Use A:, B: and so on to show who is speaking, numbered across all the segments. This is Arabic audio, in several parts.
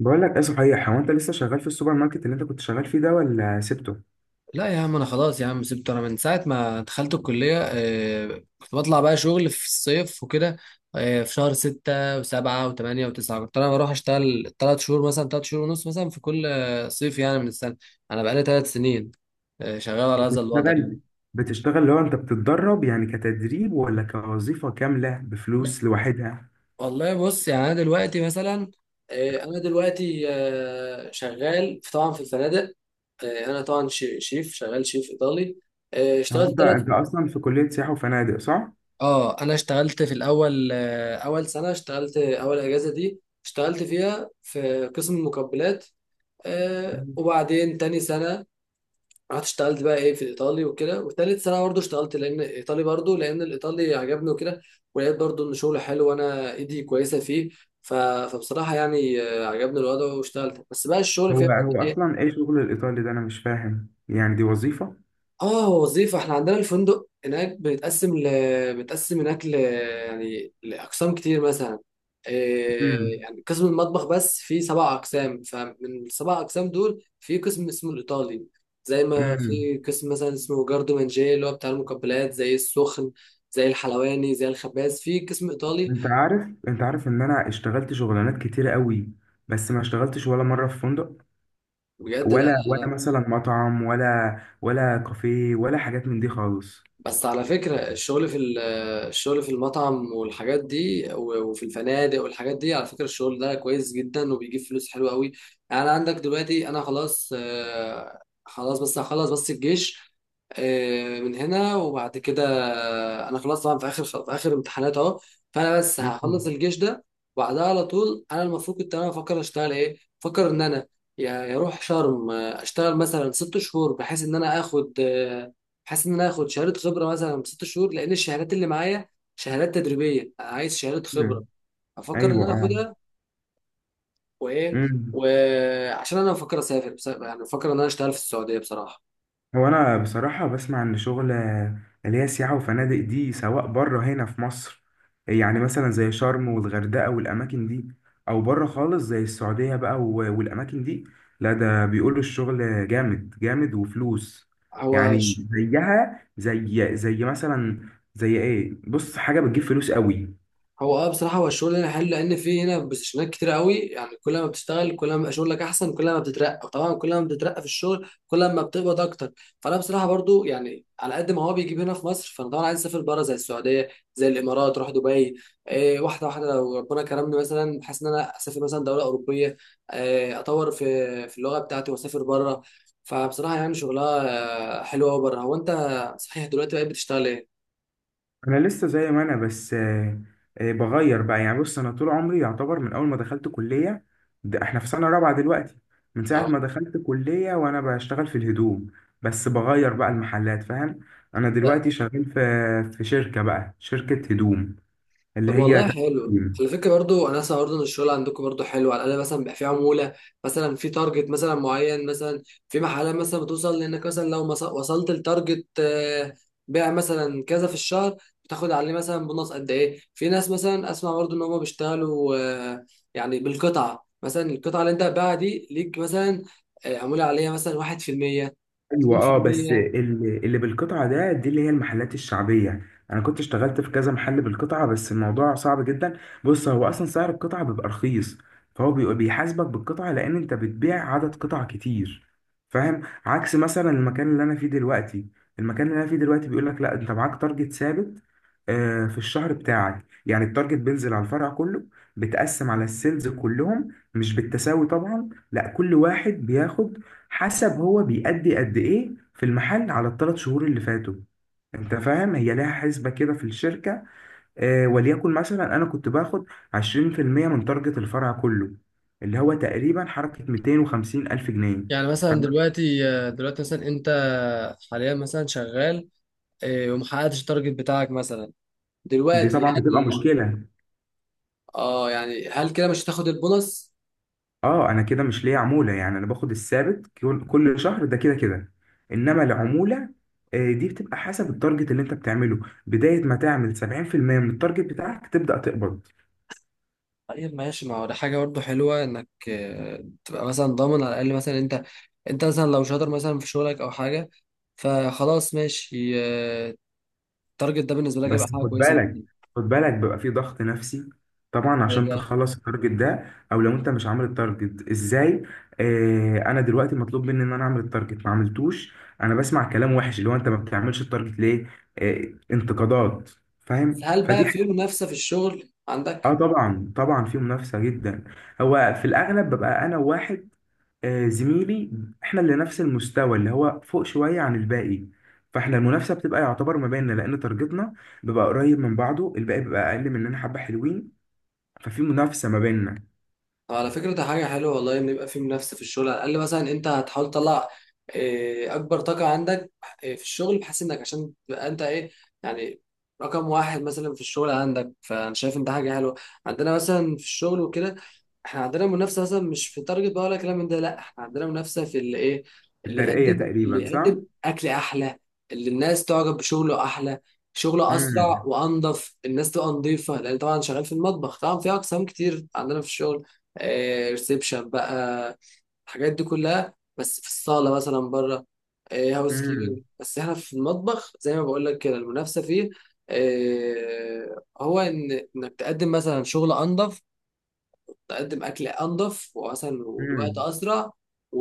A: بقول لك ايه؟ صحيح، هو انت لسه شغال في السوبر ماركت اللي انت كنت شغال فيه ده ولا سبته؟
B: لا يا عم، انا خلاص يا عم. سبت انا من ساعه ما دخلت الكليه. كنت بطلع بقى شغل في الصيف وكده. في شهر ستة وسبعة وثمانية وتسعة كنت أنا بروح أشتغل تلات شهور مثلا، تلات شهور ونص مثلا، في كل صيف يعني من السنة. أنا بقالي تلات سنين شغال على هذا الوضع يعني.
A: بتشتغل بتشتغل لو انت بتتدرب، يعني كتدريب ولا كوظيفة كاملة
B: لا،
A: بفلوس لوحدها؟
B: والله بص يعني أنا دلوقتي مثلا أنا دلوقتي شغال طبعا في الفنادق. أنا طبعا شيف، شغال شيف إيطالي.
A: هو
B: اشتغلت
A: انت
B: ثلاث.
A: انت اصلا في كلية سياحة وفنادق، صح؟
B: اه انا اشتغلت في الاول، اول سنه اشتغلت، اول اجازه دي اشتغلت فيها في قسم المقبلات. آه
A: مم.
B: وبعدين تاني سنه رحت اشتغلت بقى ايه في الايطالي وكده. وتالت سنه برضه اشتغلت لان الايطالي، برضه لان الايطالي عجبني وكده. ولقيت برضه ان شغله حلو وانا ايدي كويسه فيه. ف... فبصراحه يعني عجبني الوضع واشتغلت، بس بقى الشغل فيها.
A: هو اصلا ايه شغل الايطالي ده؟ انا مش فاهم، يعني دي وظيفة؟
B: اه وظيفة. احنا عندنا الفندق هناك بيتقسم هناك يعني لأقسام كتير مثلا. إيه،
A: امم،
B: يعني قسم المطبخ بس فيه سبع أقسام، فمن السبع أقسام دول في قسم اسمه الإيطالي. زي ما
A: امم.
B: في قسم مثلا اسمه جاردو مانجيه، اللي هو بتاع المقبلات زي السخن، زي الحلواني، زي الخباز، في قسم إيطالي.
A: انت عارف ان انا اشتغلت شغلانات كتيرة قوي، بس ما اشتغلتش ولا مرة في فندق،
B: بجد،
A: ولا
B: لا.
A: ولا مثلا مطعم، ولا كافيه، ولا حاجات من دي خالص.
B: بس على فكرة الشغل الشغل في المطعم والحاجات دي وفي الفنادق والحاجات دي، على فكرة الشغل ده كويس جدا وبيجيب فلوس حلوة قوي. يعني عندك دلوقتي أنا خلاص خلاص، بس هخلص بس الجيش من هنا وبعد كده. أنا خلاص طبعا في آخر، في آخر امتحانات أهو. فأنا بس
A: مم.
B: هخلص الجيش ده وبعدها على طول، أنا المفروض كنت أنا بفكر أشتغل إيه؟ بفكر إن أنا يا أروح شرم أشتغل مثلا ست شهور، بحيث إن أنا آخد بحيث ان انا اخد شهاده خبره مثلا ست شهور، لان الشهادات اللي معايا شهادات تدريبيه، عايز شهاده خبره.
A: مم.
B: افكر ان
A: ايوه،
B: انا
A: اه.
B: اخدها. وايه،
A: مم.
B: وعشان انا بفكر اسافر، بس يعني بفكر ان انا اشتغل في السعوديه بصراحه.
A: هو انا بصراحه بسمع ان شغل اللي هي سياحه وفنادق دي، سواء بره هنا في مصر، يعني مثلا زي شرم والغردقه والاماكن دي، او بره خالص زي السعوديه بقى و- والاماكن دي، لا، ده بيقولوا الشغل جامد جامد وفلوس.
B: هو
A: يعني زيها زي مثلا، زي ايه؟ بص، حاجه بتجيب فلوس قوي.
B: هو اه بصراحة هو الشغل هنا حلو، لأن في هنا بوزيشنات كتير قوي. يعني كل ما بتشتغل كل ما بيبقى شغلك أحسن، كل ما بتترقى، وطبعا كل ما بتترقى في الشغل كل ما بتقبض أكتر. فأنا بصراحة برضو يعني على قد ما هو بيجيب هنا في مصر، فأنا طبعا عايز أسافر بره زي السعودية، زي الإمارات، أروح دبي. إيه، واحدة واحدة لو ربنا كرمني مثلا بحيث إن أنا أسافر مثلا دولة أوروبية، إيه أطور في في اللغة بتاعتي وأسافر بره. فبصراحة يعني شغلها حلو أوي بره. هو أنت صحيح دلوقتي بقيت بتشتغل إيه؟
A: انا لسه زي ما انا، بس بغير بقى يعني، بص، انا طول عمري يعتبر من اول ما دخلت كليه، ده احنا في سنه رابعه دلوقتي. من
B: اه،
A: ساعه ما دخلت كليه وانا بشتغل في الهدوم، بس بغير بقى المحلات، فاهم؟ انا دلوقتي شغال في شركه، بقى شركه هدوم، اللي
B: طب
A: هي
B: والله حلو
A: تحكيم.
B: على فكره. برضو انا اسمع برضو ان الشغل عندكم برضو حلو، على الاقل مثلا بيبقى في عموله مثلا، في تارجت مثلا معين مثلا، في محلات مثلا بتوصل لانك مثلا لو وصلت لتارجت بيع مثلا كذا في الشهر بتاخد عليه مثلا بونص قد ايه. في ناس مثلا اسمع برضو ان هم بيشتغلوا يعني بالقطعه، مثلا القطعه اللي انت هتبيعها دي ليك مثلا عموله عليها مثلا 1%،
A: ايوه، اه. بس
B: 2%.
A: اللي بالقطعه ده، دي اللي هي المحلات الشعبيه. انا كنت اشتغلت في كذا محل بالقطعه، بس الموضوع صعب جدا. بص، هو اصلا سعر القطعه بيبقى رخيص، فهو بيحاسبك بالقطعه لان انت بتبيع عدد قطع كتير، فاهم؟ عكس مثلا المكان اللي انا فيه دلوقتي. المكان اللي انا فيه دلوقتي بيقول لك لا، انت معاك تارجت ثابت في الشهر بتاعك، يعني التارجت بينزل على الفرع كله، بتقسم على السيلز كلهم، مش بالتساوي طبعا، لا، كل واحد بياخد حسب هو بيأدي قد ايه في المحل على ال3 شهور اللي فاتوا. انت فاهم؟ هي لها حسبة كده في الشركة. وليكن مثلا انا كنت باخد 20% من تارجت الفرع كله، اللي هو تقريبا حركة 250 ألف جنيه.
B: يعني مثلا دلوقتي، دلوقتي مثلا انت حاليا مثلا شغال إيه، وما حققتش التارجت بتاعك مثلا
A: دي
B: دلوقتي،
A: طبعا
B: هل
A: بتبقى مشكلة.
B: اه يعني هل كده مش هتاخد البونص؟
A: اه، انا كده مش ليا عمولة، يعني انا باخد الثابت كل شهر ده، كده كده. انما العمولة دي بتبقى حسب التارجت اللي انت بتعمله. بداية ما تعمل 70% من التارجت بتاعك تبدأ تقبض.
B: طيب ماشي، ما هو ده حاجه برضه حلوه، انك تبقى مثلا ضامن على الاقل. مثلا انت، انت مثلا لو شاطر مثلا في شغلك او حاجه فخلاص ماشي، التارجت ده بالنسبه لك هيبقى
A: بس
B: حاجه
A: خد
B: كويسه
A: بالك
B: جدا.
A: خد بالك بيبقى في ضغط نفسي طبعا
B: طيب
A: عشان
B: يعني،
A: تخلص التارجت ده، او لو انت مش عامل التارجت، ازاي؟ انا دلوقتي مطلوب مني ان انا اعمل التارجت، ما عملتوش، انا بسمع كلام وحش، اللي هو انت ما بتعملش التارجت ليه؟ آه انتقادات، فاهم؟
B: هل
A: فدي.
B: بقى في منافسه في الشغل
A: اه،
B: عندك؟
A: طبعا في منافسة جدا. هو في الأغلب ببقى أنا واحد زميلي، احنا اللي نفس المستوى، اللي هو فوق شوية عن الباقي، فاحنا المنافسة بتبقى يعتبر ما بيننا، لأن تارجتنا بيبقى قريب من بعضه، الباقي بيبقى أقل مننا حبة، حلوين، ففي منافسة ما بيننا.
B: على فكرة ده حاجة حلوة والله، إن يبقى في منافسة في الشغل. على الأقل مثلا أنت هتحاول تطلع إيه، أكبر طاقة عندك إيه، في الشغل، بحيث إنك عشان تبقى أنت إيه يعني رقم واحد مثلا في الشغل عندك. فأنا شايف إن ده حاجة حلوة. عندنا مثلا في الشغل وكده، إحنا عندنا منافسة مثلا مش في تارجت بقى ولا كلام من ده، لأ إحنا عندنا منافسة في اللي إيه، اللي
A: الترقية
B: يقدم، اللي
A: تقريبا، صح؟
B: يقدم أكل أحلى، اللي الناس تعجب بشغله أحلى، شغله أسرع
A: امم،
B: وأنظف، الناس تبقى نظيفة، لأن طبعا شغال في المطبخ. طبعا في أقسام كتير عندنا في الشغل، ريسبشن بقى، الحاجات دي كلها بس في الصالة مثلا بره، هاوس
A: امم،
B: كيبنج. بس احنا في المطبخ زي ما بقول لك كده، المنافسة فيه هو ان انك تقدم مثلا شغل انظف، تقدم اكل انظف ومثلا والوقت
A: امم.
B: اسرع و...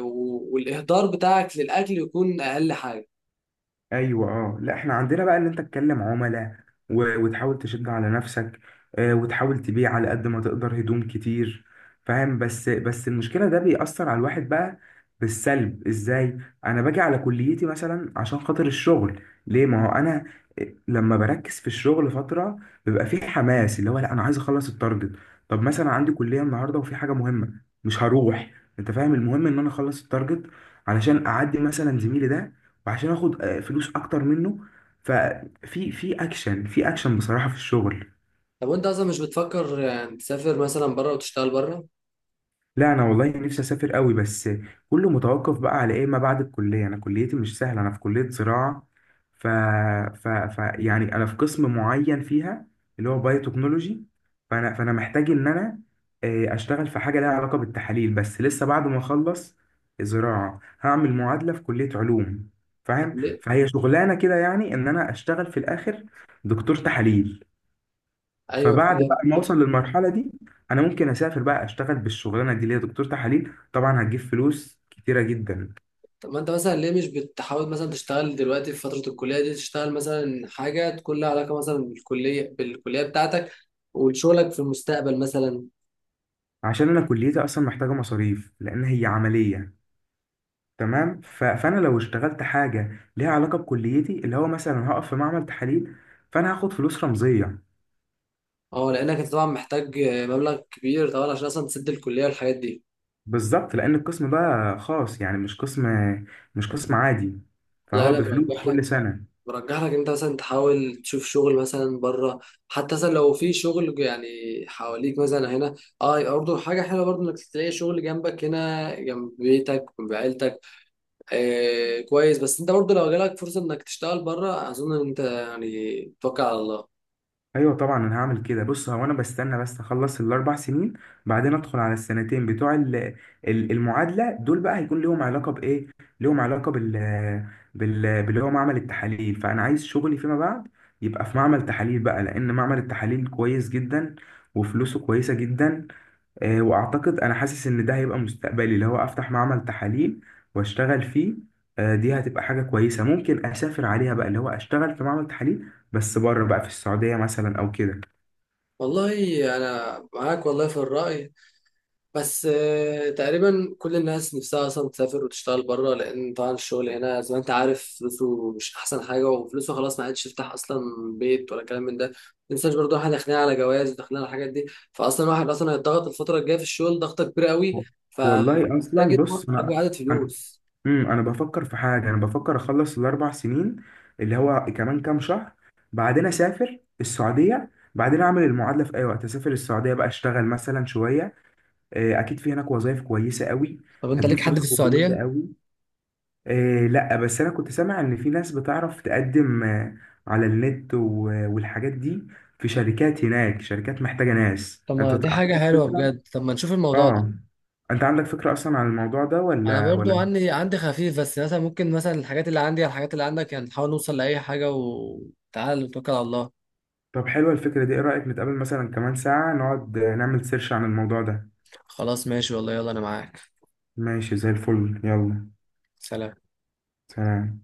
B: و... والاهدار بتاعك للاكل يكون اقل حاجة.
A: ايوه، اه. لا، احنا عندنا بقى ان انت تكلم عملاء و- وتحاول تشد على نفسك وتحاول تبيع على قد ما تقدر هدوم كتير، فاهم؟ بس المشكله ده بيأثر على الواحد بقى بالسلب، ازاي؟ انا باجي على كليتي مثلا عشان خاطر الشغل، ليه؟ ما هو انا لما بركز في الشغل فتره، بيبقى فيه حماس، اللي هو لا، انا عايز اخلص التارجت. طب مثلا عندي كليه النهارده وفي حاجه مهمه، مش هروح. انت فاهم؟ المهم ان انا اخلص التارجت علشان اعدي مثلا زميلي ده، وعشان اخد فلوس اكتر منه. ففي اكشن، في اكشن بصراحة في الشغل.
B: طب وانت اصلا مش بتفكر يعني تسافر مثلا بره وتشتغل بره؟
A: لا، انا والله نفسي اسافر قوي، بس كله متوقف بقى على ايه ما بعد الكليه. انا كليتي مش سهله، انا في كليه زراعه، ف... ف... ف يعني انا في قسم معين فيها، اللي هو بايوتكنولوجي، فانا محتاج ان انا اشتغل في حاجه لها علاقه بالتحاليل، بس لسه بعد ما اخلص زراعه هعمل معادله في كليه علوم،
B: طب
A: فاهم؟
B: ليه؟
A: فهي شغلانه كده، يعني ان انا اشتغل في الاخر دكتور تحاليل.
B: ايوه
A: فبعد
B: فاهم.
A: بقى ما اوصل للمرحله دي، انا ممكن اسافر بقى اشتغل بالشغلانه دي اللي هي دكتور تحاليل، طبعا هتجيب فلوس كتيره جدا.
B: طب ما انت مثلا ليه مش بتحاول مثلا تشتغل دلوقتي في فترة الكلية دي، تشتغل مثلا حاجة تكون لها علاقة مثلا بالكلية بتاعتك وشغلك في المستقبل مثلا.
A: عشان انا كليتي اصلا محتاجه مصاريف، لان هي عمليه، تمام؟ فانا لو اشتغلت حاجه ليها علاقه بكليتي، اللي هو مثلا هقف في معمل تحاليل، فانا هاخد فلوس رمزيه.
B: اه لانك انت طبعا محتاج مبلغ كبير طبعا، عشان اصلا تسد الكلية والحاجات دي.
A: بالظبط، لان القسم ده خاص، يعني مش قسم عادي،
B: لا،
A: فهو
B: انا
A: بفلوس
B: برجح لك،
A: كل سنه.
B: برجح لك انت مثلا تحاول تشوف شغل مثلا بره. حتى مثلا لو في شغل يعني حواليك مثلا هنا اه، برضه حاجة حلوة برضه انك تلاقي شغل جنبك هنا، جنب بيتك وجنب عيلتك، آه كويس. بس انت برضه لو جالك فرصه انك تشتغل بره اظن ان انت يعني توكل على الله.
A: ايوه طبعا، انا هعمل كده. بص، هو انا بستنى بس اخلص ال4 سنين، بعدين ادخل على السنتين بتوع المعادله، دول بقى هيكون ليهم علاقه بايه؟ ليهم علاقه باللي هو معمل التحاليل. فانا عايز شغلي فيما بعد يبقى في معمل تحاليل بقى، لان معمل التحاليل كويس جدا وفلوسه كويسه جدا. واعتقد انا حاسس ان ده هيبقى مستقبلي، اللي هو افتح معمل تحاليل واشتغل فيه. دي هتبقى حاجة كويسة ممكن اسافر عليها بقى، اللي هو اشتغل في معمل تحاليل، بس بره بقى، في السعودية مثلا او كده.
B: والله انا معاك والله في الراي. بس آه تقريبا كل الناس نفسها اصلا تسافر وتشتغل بره، لان طبعا الشغل هنا زي ما انت عارف فلوسه مش احسن حاجه، وفلوسه خلاص ما عادش يفتح اصلا بيت ولا كلام من ده. ما تنساش برضه احنا داخلين على جواز وداخلين على الحاجات دي، فاصلا الواحد اصلا هيتضغط الفتره الجايه في الشغل ضغطه كبيره
A: و-
B: قوي،
A: والله
B: فمحتاج
A: اصلا،
B: يجمع
A: بص،
B: اكبر
A: انا
B: عدد
A: انا
B: فلوس.
A: انا بفكر في حاجة، انا بفكر اخلص ال4 سنين، اللي هو كمان كام شهر، بعدين اسافر السعودية، بعدين اعمل المعادلة في اي وقت، اسافر السعودية بقى اشتغل مثلا شوية. اكيد في هناك وظائف كويسة قوي،
B: طب انت
A: هتجيب
B: ليك حد
A: فلوس
B: في
A: كويسة
B: السعودية؟
A: قوي. إيه لا، بس انا كنت سامع ان في ناس بتعرف تقدم على النت و- والحاجات دي، في شركات هناك، شركات محتاجة ناس.
B: طب
A: انت
B: ما دي حاجة
A: عندك
B: حلوة
A: فكرة؟
B: بجد، طب ما نشوف الموضوع ده.
A: اه. انت عندك فكرة اصلا عن الموضوع ده
B: أنا
A: ولا
B: برضو
A: ولا
B: عندي، عندي خفيف بس. مثلا ممكن مثلا الحاجات اللي عندي على الحاجات اللي عندك، يعني نحاول نوصل لأي حاجة وتعال نتوكل على الله.
A: طب حلوة الفكرة دي، ايه رأيك نتقابل مثلا كمان ساعة نقعد نعمل سيرش عن الموضوع ده؟
B: خلاص ماشي والله، يلا أنا معاك.
A: ماشي زي الفل، يلا.
B: سلام.
A: سلام.